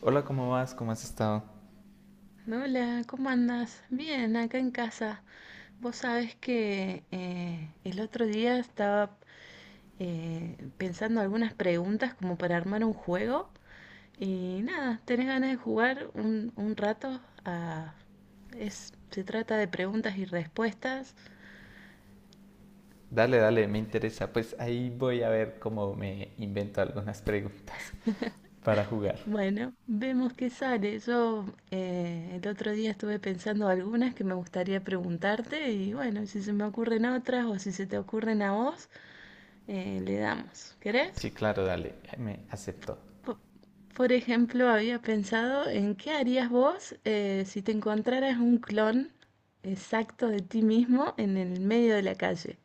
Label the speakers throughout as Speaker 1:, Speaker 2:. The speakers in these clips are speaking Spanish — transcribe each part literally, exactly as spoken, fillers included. Speaker 1: Hola, ¿cómo vas? ¿Cómo has estado?
Speaker 2: Hola, ¿cómo andas? Bien, acá en casa. Vos sabés que eh, el otro día estaba eh, pensando algunas preguntas como para armar un juego y nada, ¿tenés ganas de jugar un, un rato? Ah, es, se trata de preguntas y respuestas.
Speaker 1: Dale, dale, me interesa. Pues ahí voy a ver cómo me invento algunas preguntas para jugar.
Speaker 2: Bueno, vemos qué sale. Yo eh, el otro día estuve pensando algunas que me gustaría preguntarte y bueno, si se me ocurren otras o si se te ocurren a vos, eh, le damos. ¿Querés?
Speaker 1: Sí, claro, dale, me aceptó.
Speaker 2: Po- Por ejemplo, había pensado en qué harías vos eh, si te encontraras un clon exacto de ti mismo en el medio de la calle.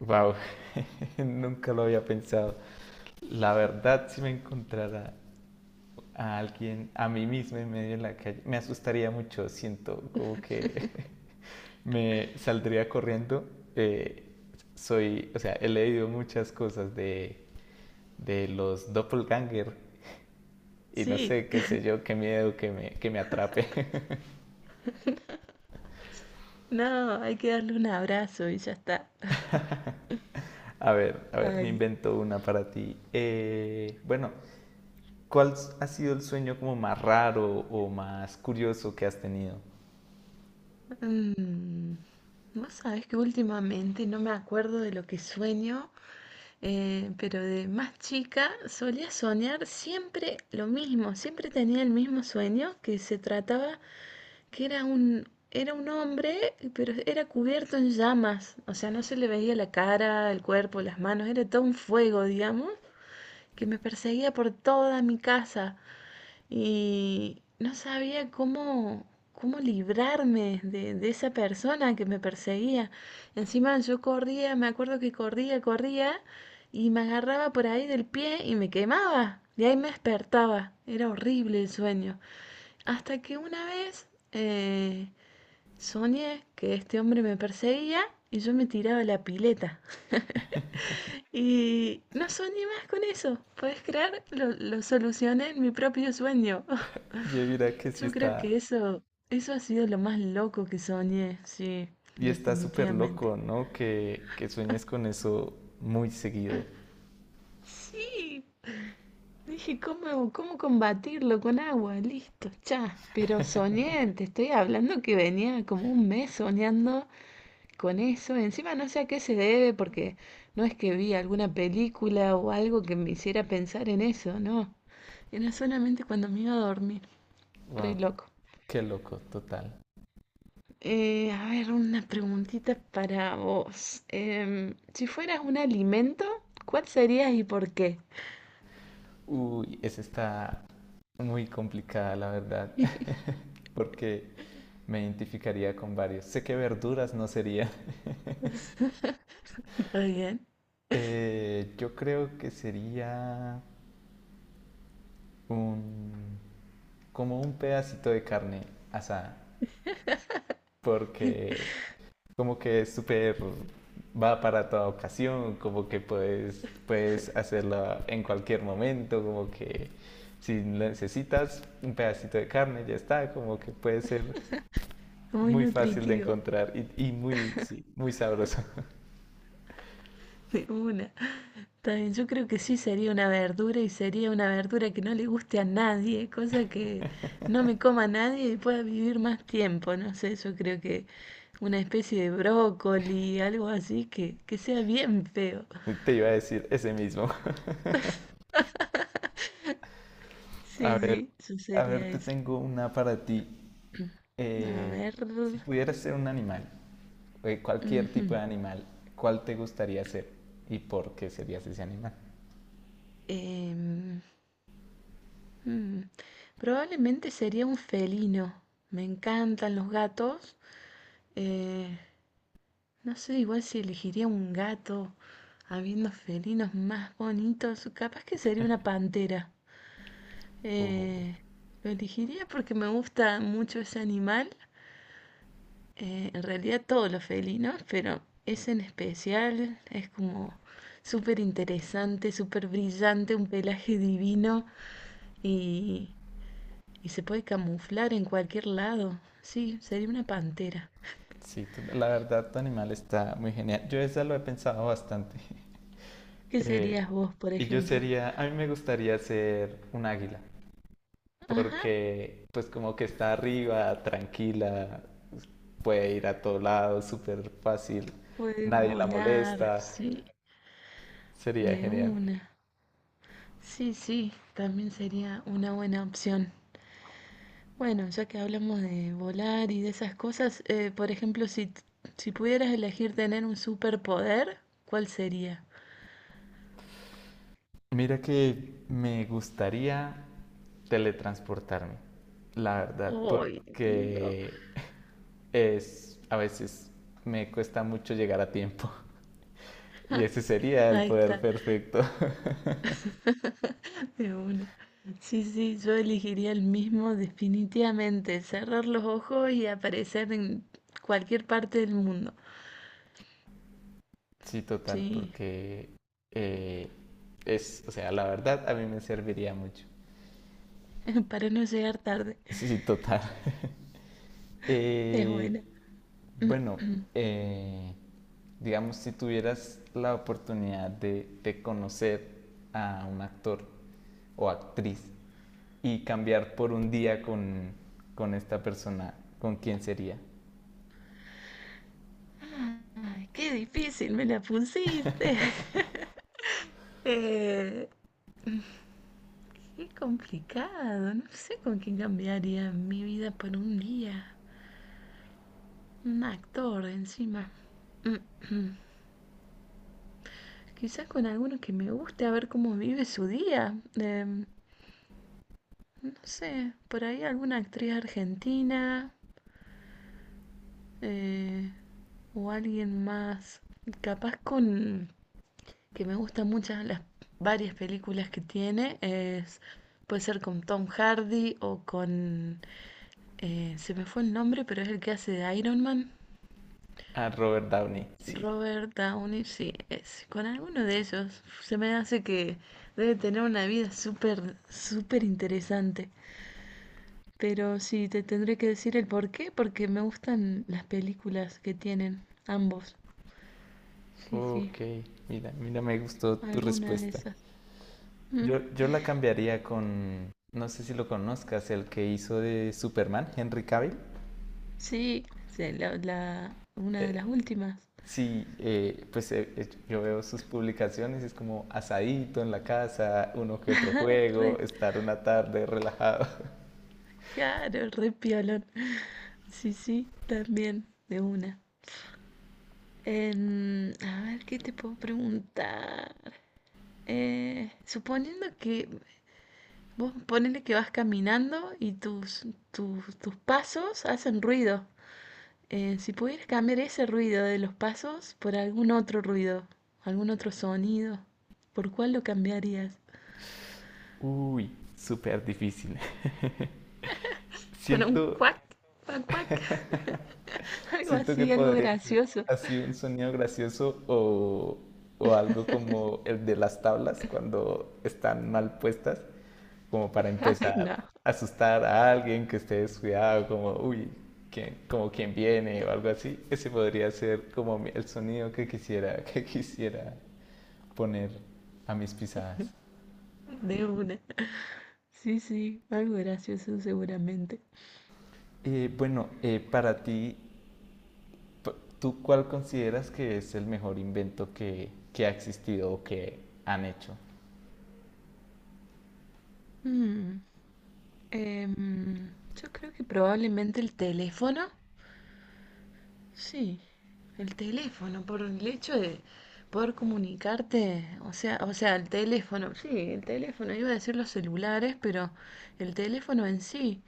Speaker 1: Wow, nunca lo había pensado. La verdad, si me encontrara a alguien, a mí mismo en medio de la calle, me asustaría mucho, siento como que me saldría corriendo. Eh, soy, o sea, he leído muchas cosas de, de los doppelganger y no
Speaker 2: Sí,
Speaker 1: sé, qué sé yo, qué miedo que me, que me atrape.
Speaker 2: no, hay que darle un abrazo y ya está.
Speaker 1: A ver, a ver, me
Speaker 2: Ay.
Speaker 1: invento una para ti. Eh, bueno, ¿cuál ha sido el sueño como más raro o más curioso que has tenido?
Speaker 2: Mm, vos sabés que últimamente no me acuerdo de lo que sueño, eh, pero de más chica solía soñar siempre lo mismo, siempre tenía el mismo sueño que se trataba que era un, era un hombre, pero era cubierto en llamas, o sea, no se le veía la cara, el cuerpo, las manos, era todo un fuego, digamos, que me perseguía por toda mi casa y no sabía cómo, cómo librarme de, de esa persona que me perseguía. Encima yo corría, me acuerdo que corría, corría y me agarraba por ahí del pie y me quemaba. Y ahí me despertaba. Era horrible el sueño. Hasta que una vez eh, soñé que este hombre me perseguía y yo me tiraba a la pileta. Y no soñé más con eso. ¿Puedes creer? Lo, lo solucioné en mi propio sueño.
Speaker 1: Yo diría que sí
Speaker 2: Yo creo que
Speaker 1: está.
Speaker 2: eso, eso ha sido lo más loco que soñé, sí,
Speaker 1: Y está súper
Speaker 2: definitivamente.
Speaker 1: loco, ¿no? Que, que sueñes con eso muy seguido.
Speaker 2: Sí, dije, ¿cómo, cómo combatirlo con agua? Listo, ya. Pero soñé, te estoy hablando que venía como un mes soñando con eso. Encima no sé a qué se debe porque no es que vi alguna película o algo que me hiciera pensar en eso, no. Era solamente cuando me iba a dormir. Re
Speaker 1: Wow,
Speaker 2: loco.
Speaker 1: qué loco, total.
Speaker 2: Eh, a ver, una preguntita para vos. Em, si fueras un alimento, ¿cuál serías y por qué?
Speaker 1: Uy, esa está muy complicada, la verdad. Porque me identificaría con varios. Sé que verduras no sería.
Speaker 2: Está bien.
Speaker 1: Eh, yo creo que sería un, como un pedacito de carne asada. Porque como que es súper, va para toda ocasión, como que puedes, puedes hacerla en cualquier momento, como que si necesitas un pedacito de carne, ya está, como que puede ser
Speaker 2: Muy
Speaker 1: muy fácil de
Speaker 2: nutritivo.
Speaker 1: encontrar y, y muy, sí, muy sabroso.
Speaker 2: De una. Está bien, yo creo que sí sería una verdura y sería una verdura que no le guste a nadie, cosa que no me coma nadie y pueda vivir más tiempo. No sé, yo creo que una especie de brócoli, algo así que, que sea bien feo.
Speaker 1: Te iba a decir ese mismo.
Speaker 2: Sí,
Speaker 1: A ver,
Speaker 2: sí, eso
Speaker 1: a ver,
Speaker 2: sería
Speaker 1: te
Speaker 2: eso.
Speaker 1: tengo una para ti.
Speaker 2: A
Speaker 1: Eh,
Speaker 2: ver.
Speaker 1: si pudieras ser un animal, eh, cualquier
Speaker 2: Ujú,
Speaker 1: tipo de animal, ¿cuál te gustaría ser y por qué serías ese animal?
Speaker 2: em, mm, probablemente sería un felino. Me encantan los gatos. eh, No sé, igual si elegiría un gato, habiendo felinos más bonitos, capaz que sería una pantera. Eh, lo elegiría porque me gusta mucho ese animal, eh, en realidad todos los felinos, pero ese en especial es como súper interesante, súper brillante, un pelaje divino y, y se puede camuflar en cualquier lado. Sí, sería una pantera.
Speaker 1: Sí, la verdad, tu animal está muy genial. Yo esa lo he pensado bastante.
Speaker 2: ¿Qué serías
Speaker 1: Eh,
Speaker 2: vos, por
Speaker 1: y yo
Speaker 2: ejemplo?
Speaker 1: sería, a mí me gustaría ser un águila,
Speaker 2: Ajá.
Speaker 1: porque pues como que está arriba, tranquila, puede ir a todo lado, súper fácil,
Speaker 2: Puede
Speaker 1: nadie la
Speaker 2: volar,
Speaker 1: molesta,
Speaker 2: sí.
Speaker 1: sería
Speaker 2: De
Speaker 1: genial.
Speaker 2: una. Sí, sí, también sería una buena opción. Bueno, ya que hablamos de volar y de esas cosas, eh, por ejemplo, si, t- si pudieras elegir tener un superpoder, ¿cuál sería?
Speaker 1: Mira que me gustaría teletransportarme, la verdad,
Speaker 2: Ay, no.
Speaker 1: porque es a veces me cuesta mucho llegar a tiempo. Y ese sería el
Speaker 2: Ahí
Speaker 1: poder
Speaker 2: está,
Speaker 1: perfecto.
Speaker 2: de una. Sí, sí, yo elegiría el mismo definitivamente, cerrar los ojos y aparecer en cualquier parte del mundo.
Speaker 1: Sí, total,
Speaker 2: Sí,
Speaker 1: porque eh, es, o sea, la verdad a mí me serviría mucho.
Speaker 2: para no llegar tarde.
Speaker 1: Sí, sí, total.
Speaker 2: Es
Speaker 1: Eh,
Speaker 2: buena.
Speaker 1: bueno, eh, digamos, si tuvieras la oportunidad de, de conocer a un actor o actriz y cambiar por un día con, con esta persona, ¿con quién sería?
Speaker 2: Ay, qué difícil me la pusiste. Eh, qué complicado. No sé con quién cambiaría mi vida por un día. Un actor encima. Quizás con alguno que me guste a ver cómo vive su día. Em, no sé, por ahí alguna actriz argentina eh, o alguien más. Capaz con que me gustan muchas las varias películas que tiene es puede ser con Tom Hardy o con eh, se me fue el nombre pero es el que hace de Iron Man.
Speaker 1: A Robert Downey, sí.
Speaker 2: Robert Downey, sí, es con alguno de ellos, se me hace que debe tener una vida súper súper interesante, pero sí te tendré que decir el por qué porque me gustan las películas que tienen ambos. Sí, sí,
Speaker 1: Ok, mira, mira, me gustó tu
Speaker 2: alguna de
Speaker 1: respuesta.
Speaker 2: esas. Mm,
Speaker 1: Yo, yo la cambiaría con, no sé si lo conozcas, el que hizo de Superman, Henry Cavill.
Speaker 2: sí, sí, la, la- una de
Speaker 1: Eh,
Speaker 2: las últimas.
Speaker 1: Sí, eh, pues eh, eh, yo veo sus publicaciones, es como asadito en la casa, uno que otro juego,
Speaker 2: Re
Speaker 1: estar una tarde relajado.
Speaker 2: caro, re piolón. Sí, sí, también, de una. Em, a ver, ¿qué te puedo preguntar? Eh, suponiendo que vos ponele que vas caminando y tus, tus, tus pasos hacen ruido. Eh, si pudieras cambiar ese ruido de los pasos por algún otro ruido, algún otro sonido, ¿por cuál lo cambiarías?
Speaker 1: Uy, súper difícil.
Speaker 2: Por un
Speaker 1: Siento,
Speaker 2: cuac, cuac, cuac, algo
Speaker 1: siento que
Speaker 2: así, algo
Speaker 1: podría ser
Speaker 2: gracioso.
Speaker 1: así un sonido gracioso o, o algo como el de las tablas cuando están mal puestas, como para
Speaker 2: Ay,
Speaker 1: empezar
Speaker 2: no,
Speaker 1: a asustar a alguien que esté descuidado, como, uy, ¿quién, como quién viene o algo así? Ese podría ser como mi- el sonido que quisiera, que quisiera poner a mis pisadas.
Speaker 2: de una. Sí, sí, algo gracioso seguramente.
Speaker 1: Eh, bueno, eh, para ti, p- ¿tú cuál consideras que es el mejor invento que, que ha existido o que han hecho?
Speaker 2: Mm, em, yo creo que probablemente el teléfono. Sí, el teléfono, por el hecho de poder comunicarte, o sea, o sea, el teléfono, sí, el teléfono, iba a decir los celulares, pero el teléfono en sí,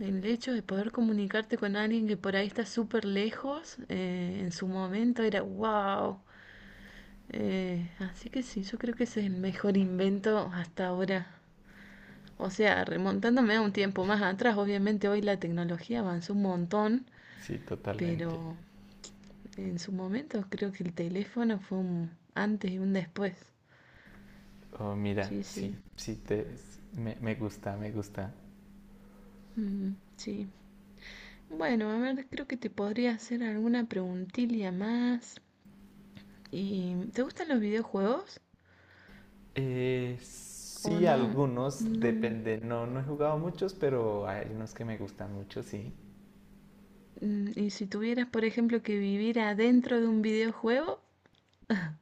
Speaker 2: el hecho de poder comunicarte con alguien que por ahí está súper lejos, eh, en su momento era wow. Eh, así que sí, yo creo que ese es el mejor invento hasta ahora. O sea, remontándome a un tiempo más atrás, obviamente hoy la tecnología avanzó un montón,
Speaker 1: Sí, totalmente.
Speaker 2: pero en su momento creo que el teléfono fue un antes y un después.
Speaker 1: Oh, mira,
Speaker 2: Sí,
Speaker 1: sí,
Speaker 2: sí.
Speaker 1: sí, te, me, me gusta, me gusta.
Speaker 2: Mm, sí. Bueno, a ver, creo que te podría hacer alguna preguntilla más. ¿Y te gustan los videojuegos
Speaker 1: Eh,
Speaker 2: o
Speaker 1: sí,
Speaker 2: no?
Speaker 1: algunos,
Speaker 2: No.
Speaker 1: depende. No, no he jugado muchos, pero hay unos que me gustan mucho, sí.
Speaker 2: Mm, y si tuvieras, por ejemplo, que vivir adentro de un videojuego,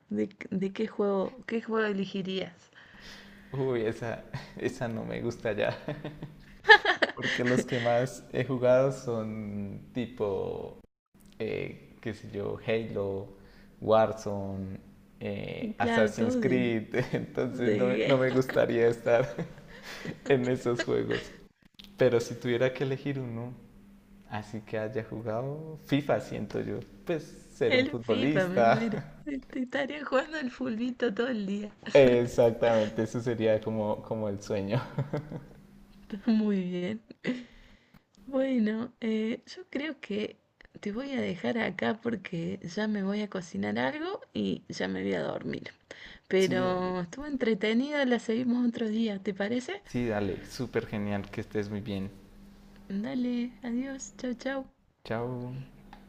Speaker 2: ¿de, de qué juego, qué juego elegirías?
Speaker 1: Uy, esa, esa no me gusta ya. Porque los que más he jugado son tipo, eh, qué sé yo, Halo, Warzone, eh,
Speaker 2: Claro,
Speaker 1: Assassin's
Speaker 2: todo de,
Speaker 1: Creed. Entonces no me, no
Speaker 2: de
Speaker 1: me gustaría estar en esos juegos. Pero si tuviera que elegir uno, así que haya jugado FIFA, siento yo. Pues ser un
Speaker 2: el FIFA, me muero.
Speaker 1: futbolista.
Speaker 2: Este, Estaría jugando al fulbito todo el día.
Speaker 1: Exactamente, eso sería como, como el sueño.
Speaker 2: Muy bien. Bueno, eh, yo creo que te voy a dejar acá porque ya me voy a cocinar algo y ya me voy a dormir.
Speaker 1: Sí, dale.
Speaker 2: Pero estuvo entretenida, la seguimos otro día, ¿te parece?
Speaker 1: Sí, dale, súper genial, que estés muy bien.
Speaker 2: Dale, adiós, chau, chau.
Speaker 1: Chao.